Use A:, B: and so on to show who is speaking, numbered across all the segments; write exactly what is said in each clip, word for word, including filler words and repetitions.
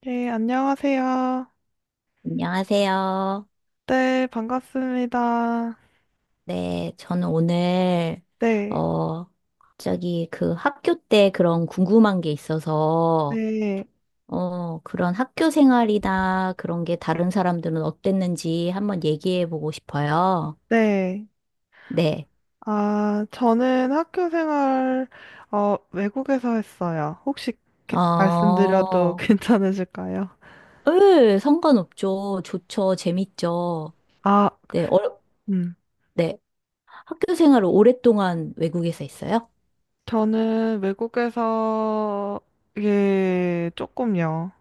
A: 네, 안녕하세요.
B: 안녕하세요.
A: 네, 반갑습니다.
B: 네, 저는 오늘,
A: 네,
B: 어, 갑자기 그 학교 때 그런 궁금한 게 있어서,
A: 네,
B: 어, 그런 학교 생활이나 그런 게 다른 사람들은 어땠는지 한번 얘기해 보고 싶어요.
A: 네.
B: 네.
A: 아, 저는 학교 생활, 어, 외국에서 했어요. 혹시 게- 말씀드려도 어,
B: 어,
A: 괜찮으실까요?
B: 예, 상관없죠. 좋죠. 재밌죠.
A: 아,
B: 네, 어,
A: 음.
B: 네. 학교 생활을 오랫동안 외국에서 했어요?
A: 저는 외국에서, 예, 조금요.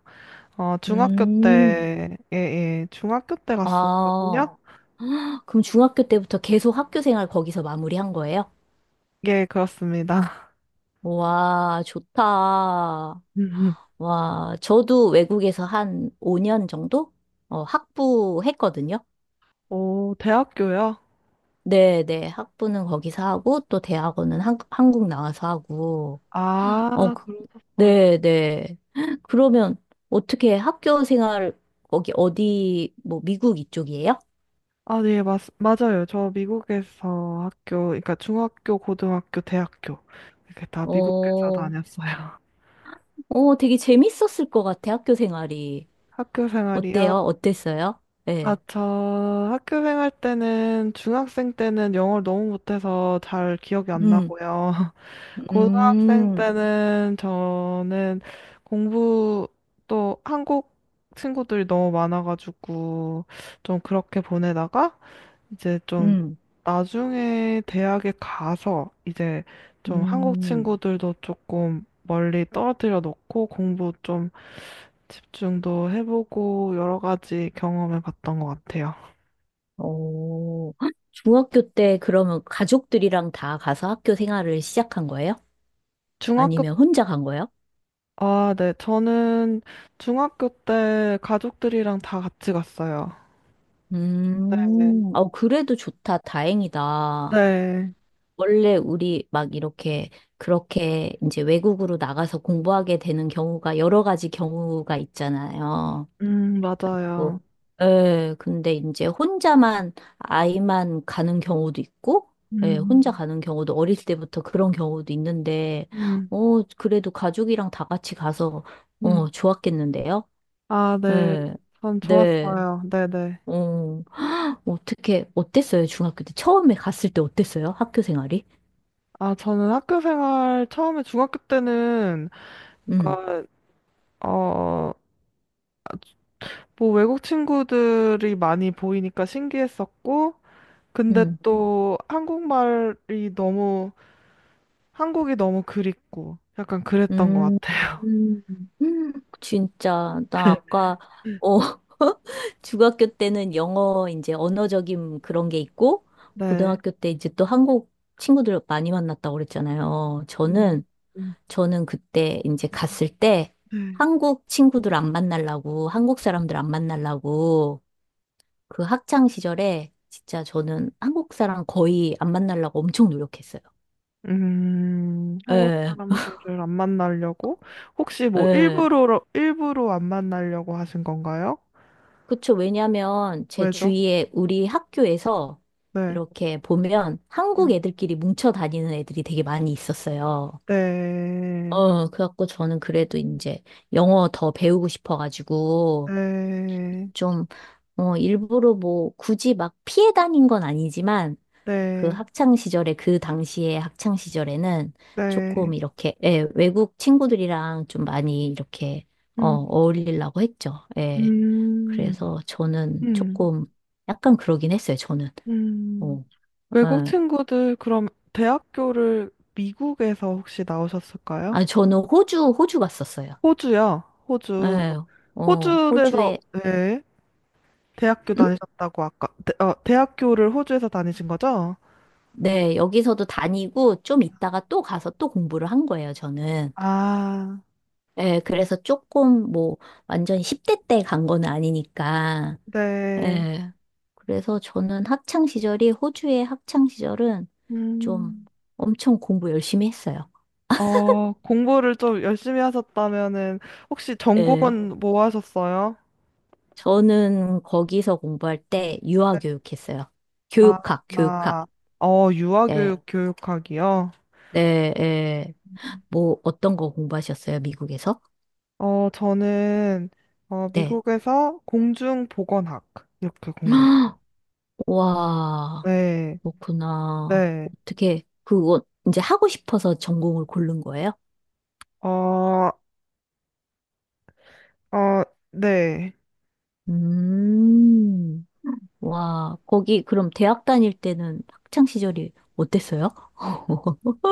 A: 어, 중학교 음,
B: 음,
A: 때, 예, 예, 중학교 때 갔었거든요.
B: 아.
A: 어,
B: 그럼 중학교 때부터 계속 학교 생활 거기서 마무리한 거예요?
A: 예, 그렇습니다.
B: 와, 좋다. 와, 저도 외국에서 한 오 년 정도? 어, 학부 했거든요.
A: 오, 대학교요?
B: 네, 네. 학부는 거기서 하고, 또 대학원은 한, 한국 나와서 하고. 어,
A: 아,
B: 그-
A: 그러셨어요.
B: 네, 네. 그러면 어떻게 학교 생활, 거기 어디, 뭐, 미국 이쪽이에요?
A: 아, 네, 맞, 맞아요. 저 미국에서 학교, 그러니까 중학교, 고등학교, 대학교 이렇게 다 미국에서
B: 어,
A: 다녔어요.
B: 어, 되게 재밌었을 것 같아, 학교 생활이.
A: 학교 생활이요?
B: 어때요? 어땠어요?
A: 아,
B: 예.
A: 저 학교 생활 때는 중학생 때는 영어를 너무 못해서 잘 기억이 안
B: 음,
A: 나고요. 고등학생
B: 음,
A: 때는 저는 공부 또 한국 친구들이 너무 많아가지고 좀 그렇게 보내다가 이제 좀
B: 음,
A: 나중에 대학에 가서 이제 좀 한국
B: 음.
A: 친구들도 조금 멀리 떨어뜨려 놓고 공부 좀 집중도 해보고 여러 가지 경험해 봤던 것 같아요.
B: 어, 중학교 때 그러면 가족들이랑 다 가서 학교 생활을 시작한 거예요?
A: 중학교,
B: 아니면 혼자 간 거예요?
A: 아, 네. 저는 중학교 때 가족들이랑 다 같이 갔어요. 네.
B: 음, 어, 그래도 좋다. 다행이다.
A: 네.
B: 원래 우리 막 이렇게, 그렇게 이제 외국으로 나가서 공부하게 되는 경우가 여러 가지 경우가 있잖아요.
A: 음,
B: 있고.
A: 맞아요.
B: 예, 근데 이제 혼자만, 아이만 가는 경우도 있고, 예, 혼자
A: 음,
B: 가는 경우도 어릴 때부터 그런 경우도 있는데,
A: 음,
B: 어, 그래도 가족이랑 다 같이 가서,
A: 음.
B: 어, 좋았겠는데요?
A: 아, 네.
B: 예,
A: 전
B: 네,
A: 좋았어요. 네네.
B: 어, 어떻게, 어땠어요? 중학교 때. 처음에 갔을 때 어땠어요? 학교 생활이?
A: 아, 저는 학교 생활 처음에 중학교 때는
B: 음,
A: 그러니까 어, 뭐 외국 친구들이 많이 보이니까 신기했었고, 근데
B: 음,
A: 또 한국말이 너무 한국이 너무 그립고 약간 그랬던 것 음,
B: 음.
A: 같아요.
B: 음, 진짜, 나 아까, 어, 중학교 때는 영어, 이제 언어적인 그런 게 있고,
A: 네.
B: 고등학교 때 이제 또 한국 친구들 많이 만났다고 그랬잖아요.
A: 음,
B: 저는,
A: 음.
B: 저는 그때 이제 갔을 때
A: 네.
B: 한국 친구들 안 만나려고, 한국 사람들 안 만나려고, 그 학창 시절에 진짜 저는 한국 사람 거의 안 만나려고 엄청 노력했어요.
A: 음, 한국
B: 예,
A: 사람들을 안 만나려고 혹시 뭐 네,
B: 예.
A: 일부러 일부러 안 만나려고 하신 건가요?
B: 그쵸. 왜냐면 제
A: 왜죠? 죠
B: 주위에 우리 학교에서
A: 네.
B: 이렇게 보면 한국 애들끼리 뭉쳐 다니는 애들이 되게 많이 있었어요.
A: 네.
B: 어, 그래갖고 저는 그래도 이제 영어 더 배우고 싶어가지고
A: 네.
B: 좀, 어, 일부러 뭐 굳이 막 피해 다닌 건 아니지만 그
A: 네,
B: 학창 시절에 그 당시에 학창 시절에는
A: 네.
B: 조금 이렇게 예, 외국 친구들이랑 좀 많이 이렇게 어,
A: 음,
B: 어울리려고 했죠. 예.
A: 음,
B: 그래서 저는
A: 음,
B: 조금 약간 그러긴 했어요. 저는.
A: 음.
B: 어,
A: 외국
B: 예.
A: 친구들, 그럼 대학교를 미국에서 혹시 나오셨을까요?
B: 아, 저는 호주 호주 갔었어요.
A: 호주요, 호주.
B: 예. 어,
A: 호주에서,
B: 호주에
A: 네, 대학교
B: 음?
A: 다니셨다고 아까, 대, 어, 대학교를 호주에서 다니신 거죠?
B: 네, 여기서도 다니고 좀 있다가 또 가서 또 공부를 한 거예요, 저는.
A: 아,
B: 예, 그래서 조금 뭐 완전 십 대 때 간 건 아니니까
A: 네.
B: 예. 그래서 저는 학창 시절이 호주의 학창 시절은 좀
A: 음.
B: 엄청 공부 열심히 했어요.
A: 어, 공부를 좀 열심히 하셨다면은, 혹시
B: 예.
A: 전공은 뭐 하셨어요?
B: 저는 거기서 공부할 때 유아 교육했어요.
A: 아,
B: 교육학, 교육학.
A: 아, 어,
B: 예.
A: 유아교육 교육학이요?
B: 네, 예. 뭐 어떤 거 공부하셨어요, 미국에서?
A: 어, 저는, 어,
B: 네.
A: 미국에서 공중보건학, 이렇게 공부했어요.
B: 와,
A: 네,
B: 그렇구나.
A: 네.
B: 어떻게 그거 이제 하고 싶어서 전공을 고른 거예요?
A: 어, 어, 네.
B: 음. 와, 거기 그럼 대학 다닐 때는 학창 시절이 어땠어요?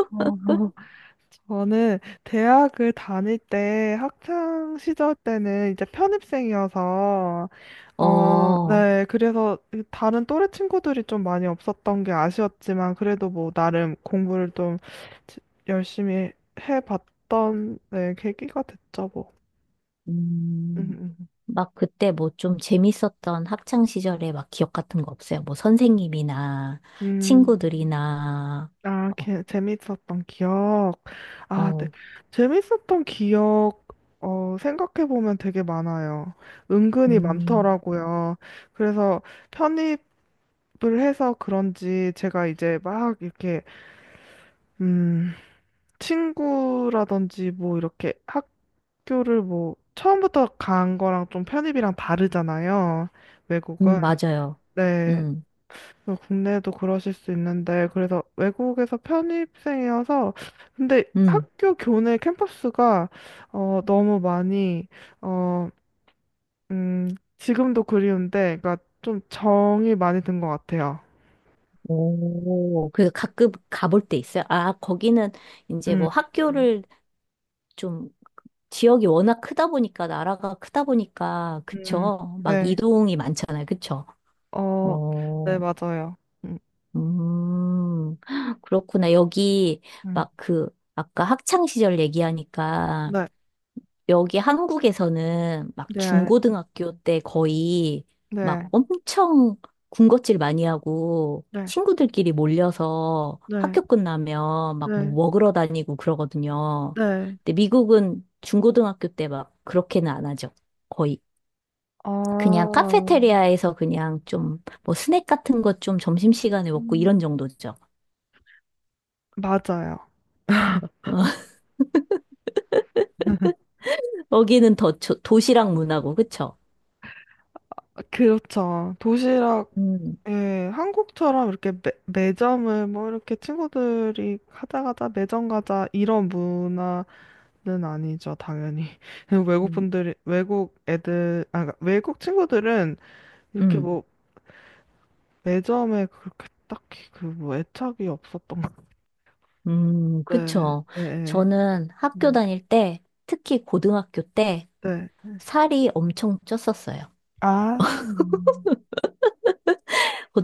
A: 저는 대학을 다닐 때, 학창 시절 때는 이제 편입생이어서, 어, 어,
B: 어,
A: 네. 그래서 이 다른 또래 친구들이 좀 많이 없었던 게 아쉬웠지만, 그래도 뭐, 나름 공부를 좀 지- 열심히 해봤던, 네, 계기가 됐죠, 뭐. 음,
B: 음,
A: 음.
B: 막 그때 뭐 좀 재밌었던 학창 시절에 막 기억 같은 거 없어요? 뭐 선생님이나
A: 음, 음.
B: 친구들이나,
A: 아,
B: 어,
A: 게, 재밌었던 기억. 아, 네.
B: 어,
A: 재밌었던 기억, 어, 생각해보면 되게 많아요. 은근히
B: 음,
A: 많더라고요. 그래서 편입 을 해서 그런지 제가 이제 막 이렇게 음, 친구라든지 뭐 이렇게 학교를 뭐 처음부터 간 거랑 좀 편입이랑 다르잖아요. 외국은.
B: 음, 맞아요.
A: 네.
B: 음,
A: 그래서 국내도 그러실 수 있는데, 그래서 외국에서 편입생이어서, 근데
B: 음.
A: 학교 교내 캠퍼스가 어 너무 많이 어 음 지금도 그리운데, 그러니까 좀 정이 많이 든 것 같아요.
B: 오, 그 가끔 가볼 때 있어요. 아, 거기는 이제
A: 음.
B: 뭐
A: 음.
B: 학교를 좀 지역이 워낙 크다 보니까, 나라가 크다 보니까,
A: 음.
B: 그쵸? 막
A: 네.
B: 이동이 많잖아요. 그쵸?
A: 어. 네,
B: 어,
A: 맞아요. 음.
B: 음, 그렇구나. 여기
A: 음.
B: 막 그, 아까 학창 시절 얘기하니까,
A: 네.
B: 여기 한국에서는 막
A: 네.
B: 중고등학교 때 거의 막
A: 네,
B: 엄청 군것질 많이 하고
A: 네,
B: 친구들끼리 몰려서
A: 네,
B: 학교 끝나면 막 뭐
A: 네,
B: 먹으러 다니고 그러거든요.
A: 네.
B: 근데 미국은 중고등학교 때 막 그렇게는 안 하죠. 거의. 그냥
A: 아,
B: 카페테리아에서 그냥 좀 뭐 스낵 같은 것 좀 점심시간에 먹고 이런
A: 음,
B: 정도죠.
A: 맞아요.
B: 거기는 더 조- 도시락 문화고, 그쵸?
A: 그렇죠. 도시락,
B: 음,
A: 예, 한국처럼 이렇게 매, 매점을 뭐 이렇게 친구들이 가자 가자 매점 가자 이런 문화는 아니죠, 당연히. 외국
B: 음,
A: 분들이, 외국 애들, 아, 그러니까 외국 친구들은 이렇게
B: 음.
A: 뭐 매점에 그렇게 딱히 그 뭐 애착이 없었던 것
B: 음,
A: 같아요. 네,
B: 그쵸.
A: 예, 예.
B: 저는 학교
A: 네.
B: 다닐 때, 특히 고등학교 때,
A: 네.
B: 살이 엄청 쪘었어요.
A: 아,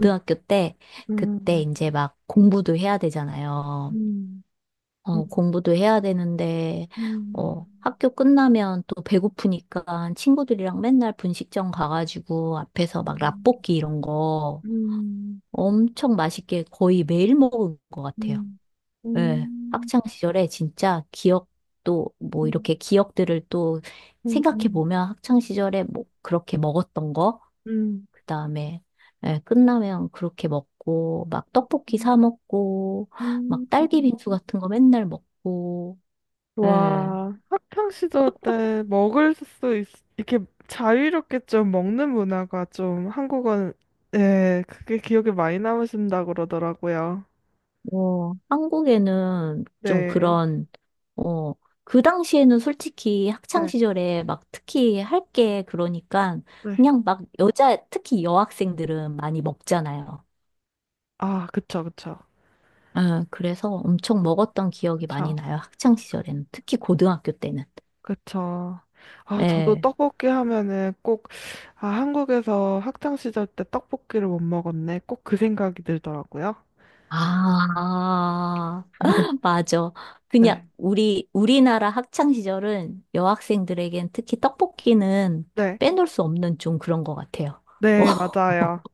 A: 음.
B: 때, 그때
A: 음.
B: 이제 막 공부도 해야 되잖아요.
A: 음, 음,
B: 어, 공부도 해야 되는데,
A: 음,
B: 어, 학교 끝나면 또 배고프니까 친구들이랑 맨날 분식점 가가지고 앞에서 막
A: 음,
B: 라볶이 이런 거
A: 음,
B: 엄청 맛있게 거의 매일 먹은 것 같아요.
A: 음, 음,
B: 예,
A: 음,
B: 학창 시절에 진짜 기억도 뭐
A: 음,
B: 이렇게 기억들을 또 생각해
A: 음,
B: 보면 학창 시절에 뭐 그렇게 먹었던 거,
A: 음,
B: 그다음에 예, 끝나면 그렇게 먹고 막 떡볶이 사 먹고
A: 음.
B: 막 딸기
A: 음.
B: 빙수 같은 거 맨날 먹고 예.
A: 와, 학창 시절 때 먹을 수 있, 이렇게 자유롭게 좀 먹는 문화가 좀 한국은, 예, 그게 기억에 많이 남으신다 그러더라고요.
B: 뭐 한국에는 좀
A: 네,
B: 그런 어 그 당시에는 솔직히 학창
A: 네,
B: 시절에 막 특히 할 게 그러니까
A: 네.
B: 그냥 막 여자, 특히 여학생들은 많이 먹잖아요.
A: 아, 그쵸, 그쵸,
B: 아, 그래서 엄청 먹었던 기억이 많이
A: 그쵸.
B: 나요. 학창 시절에는. 특히 고등학교 때는.
A: 그쵸. 아, 저도
B: 예.
A: 떡볶이 하면은 꼭, 아, 한국에서 학창 시절 때 떡볶이를 못 먹었네. 꼭 그 생각이 들더라고요.
B: 아, 맞아. 그냥
A: 네.
B: 우리, 우리나라 학창 시절은 여학생들에겐 특히 떡볶이는
A: 네.
B: 빼놓을 수 없는 좀 그런 것 같아요.
A: 네, 맞아요.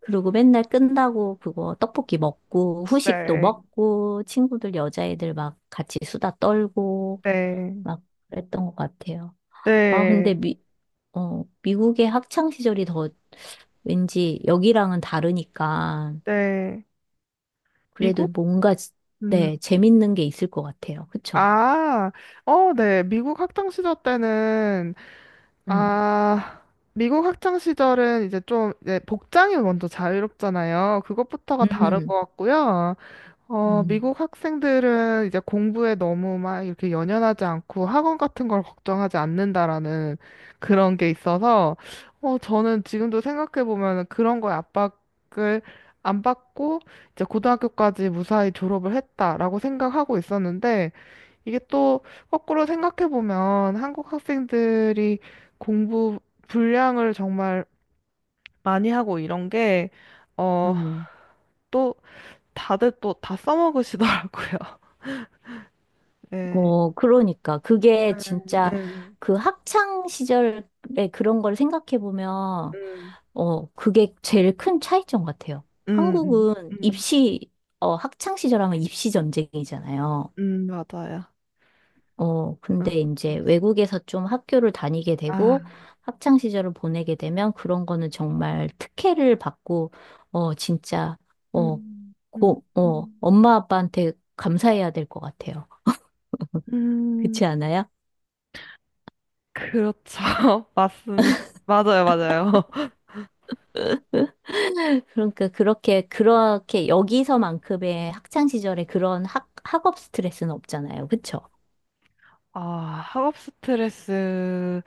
B: 그리고 맨날 끝나고 그거 떡볶이 먹고 후식도
A: 네.
B: 먹고 친구들 여자애들 막 같이 수다 떨고
A: 네.
B: 막 그랬던 것 같아요. 아,
A: 네.
B: 근데 미, 어, 미국의 학창 시절이 더 왠지 여기랑은 다르니까
A: 네.
B: 그래도
A: 미국?
B: 뭔가 지-
A: 음.
B: 네, 재밌는 게 있을 것 같아요. 그쵸?
A: 아, 어, 네. 미국 학창 시절 때는,
B: 음,
A: 아, 미국 학창 시절은 이제 좀, 이제 복장이 먼저 자유롭잖아요. 그것부터가 다른
B: 음,
A: 것 같고요. 어,
B: 음,
A: 미국 학생들은 이제 공부에 너무 막 이렇게 연연하지 않고 학원 같은 걸 걱정하지 않는다라는 그런 게 있어서, 어, 저는 지금도 생각해보면 그런 거에 압박을 안 받고 이제 고등학교까지 무사히 졸업을 했다라고 생각하고 있었는데, 이게 또 거꾸로 생각해보면 한국 학생들이 공부 분량을 정말 많이 하고 이런 게, 어,
B: 음.
A: 또 다들 또 다 써먹으시더라고요. 네.
B: 어, 그러니까 그게 진짜
A: 음,
B: 그 학창 시절에 그런 걸 생각해 보면
A: 음,
B: 어, 그게 제일 큰 차이점 같아요.
A: 음, 음,
B: 한국은
A: 음,
B: 입시 어, 학창 시절 하면 입시 전쟁이잖아요.
A: 음, 맞아요.
B: 어,
A: 음.
B: 근데 이제 외국에서 좀 학교를 다니게
A: 아,
B: 되고 학창 시절을 보내게 되면 그런 거는 정말 특혜를 받고 어, 진짜 어,
A: 음, 음,
B: 고, 어,
A: 음,
B: 엄마 아빠한테 감사해야 될 것 같아요. 그렇지
A: 음,
B: 않아요?
A: 그렇죠. 맞습니다. 맞아요, 맞아요.
B: 그러니까 그렇게 그렇게 여기서만큼의 학창 시절에 그런 학 학업 스트레스는 없잖아요. 그쵸?
A: 아, 학업 스트레스.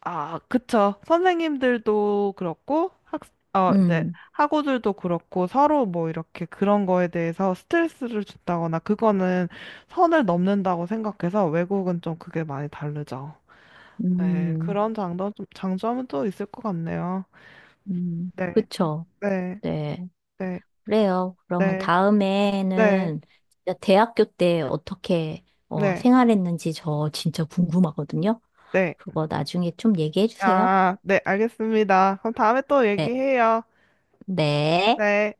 A: 아, 그쵸. 선생님들도 그렇고, 학, 어, 이제,
B: 음.
A: 학우들도 그렇고, 서로 뭐 이렇게 그런 거에 대해서 스트레스를 준다거나, 그거는 선을 넘는다고 생각해서, 외국은 좀 그게 많이 다르죠. 네,
B: 음.
A: 그런 장점, 장점은 또 있을 것 같네요.
B: 음.
A: 네,
B: 그쵸?
A: 네,
B: 네.
A: 네,
B: 그래요. 그러면
A: 네, 네,
B: 다음에는 진짜 대학교 때 어떻게 어,
A: 네,
B: 생활했는지 저 진짜 궁금하거든요.
A: 네.
B: 그거 나중에 좀 얘기해 주세요.
A: 아, 네, 알겠습니다. 그럼 다음에 또
B: 네.
A: 얘기해요.
B: 네.
A: 네.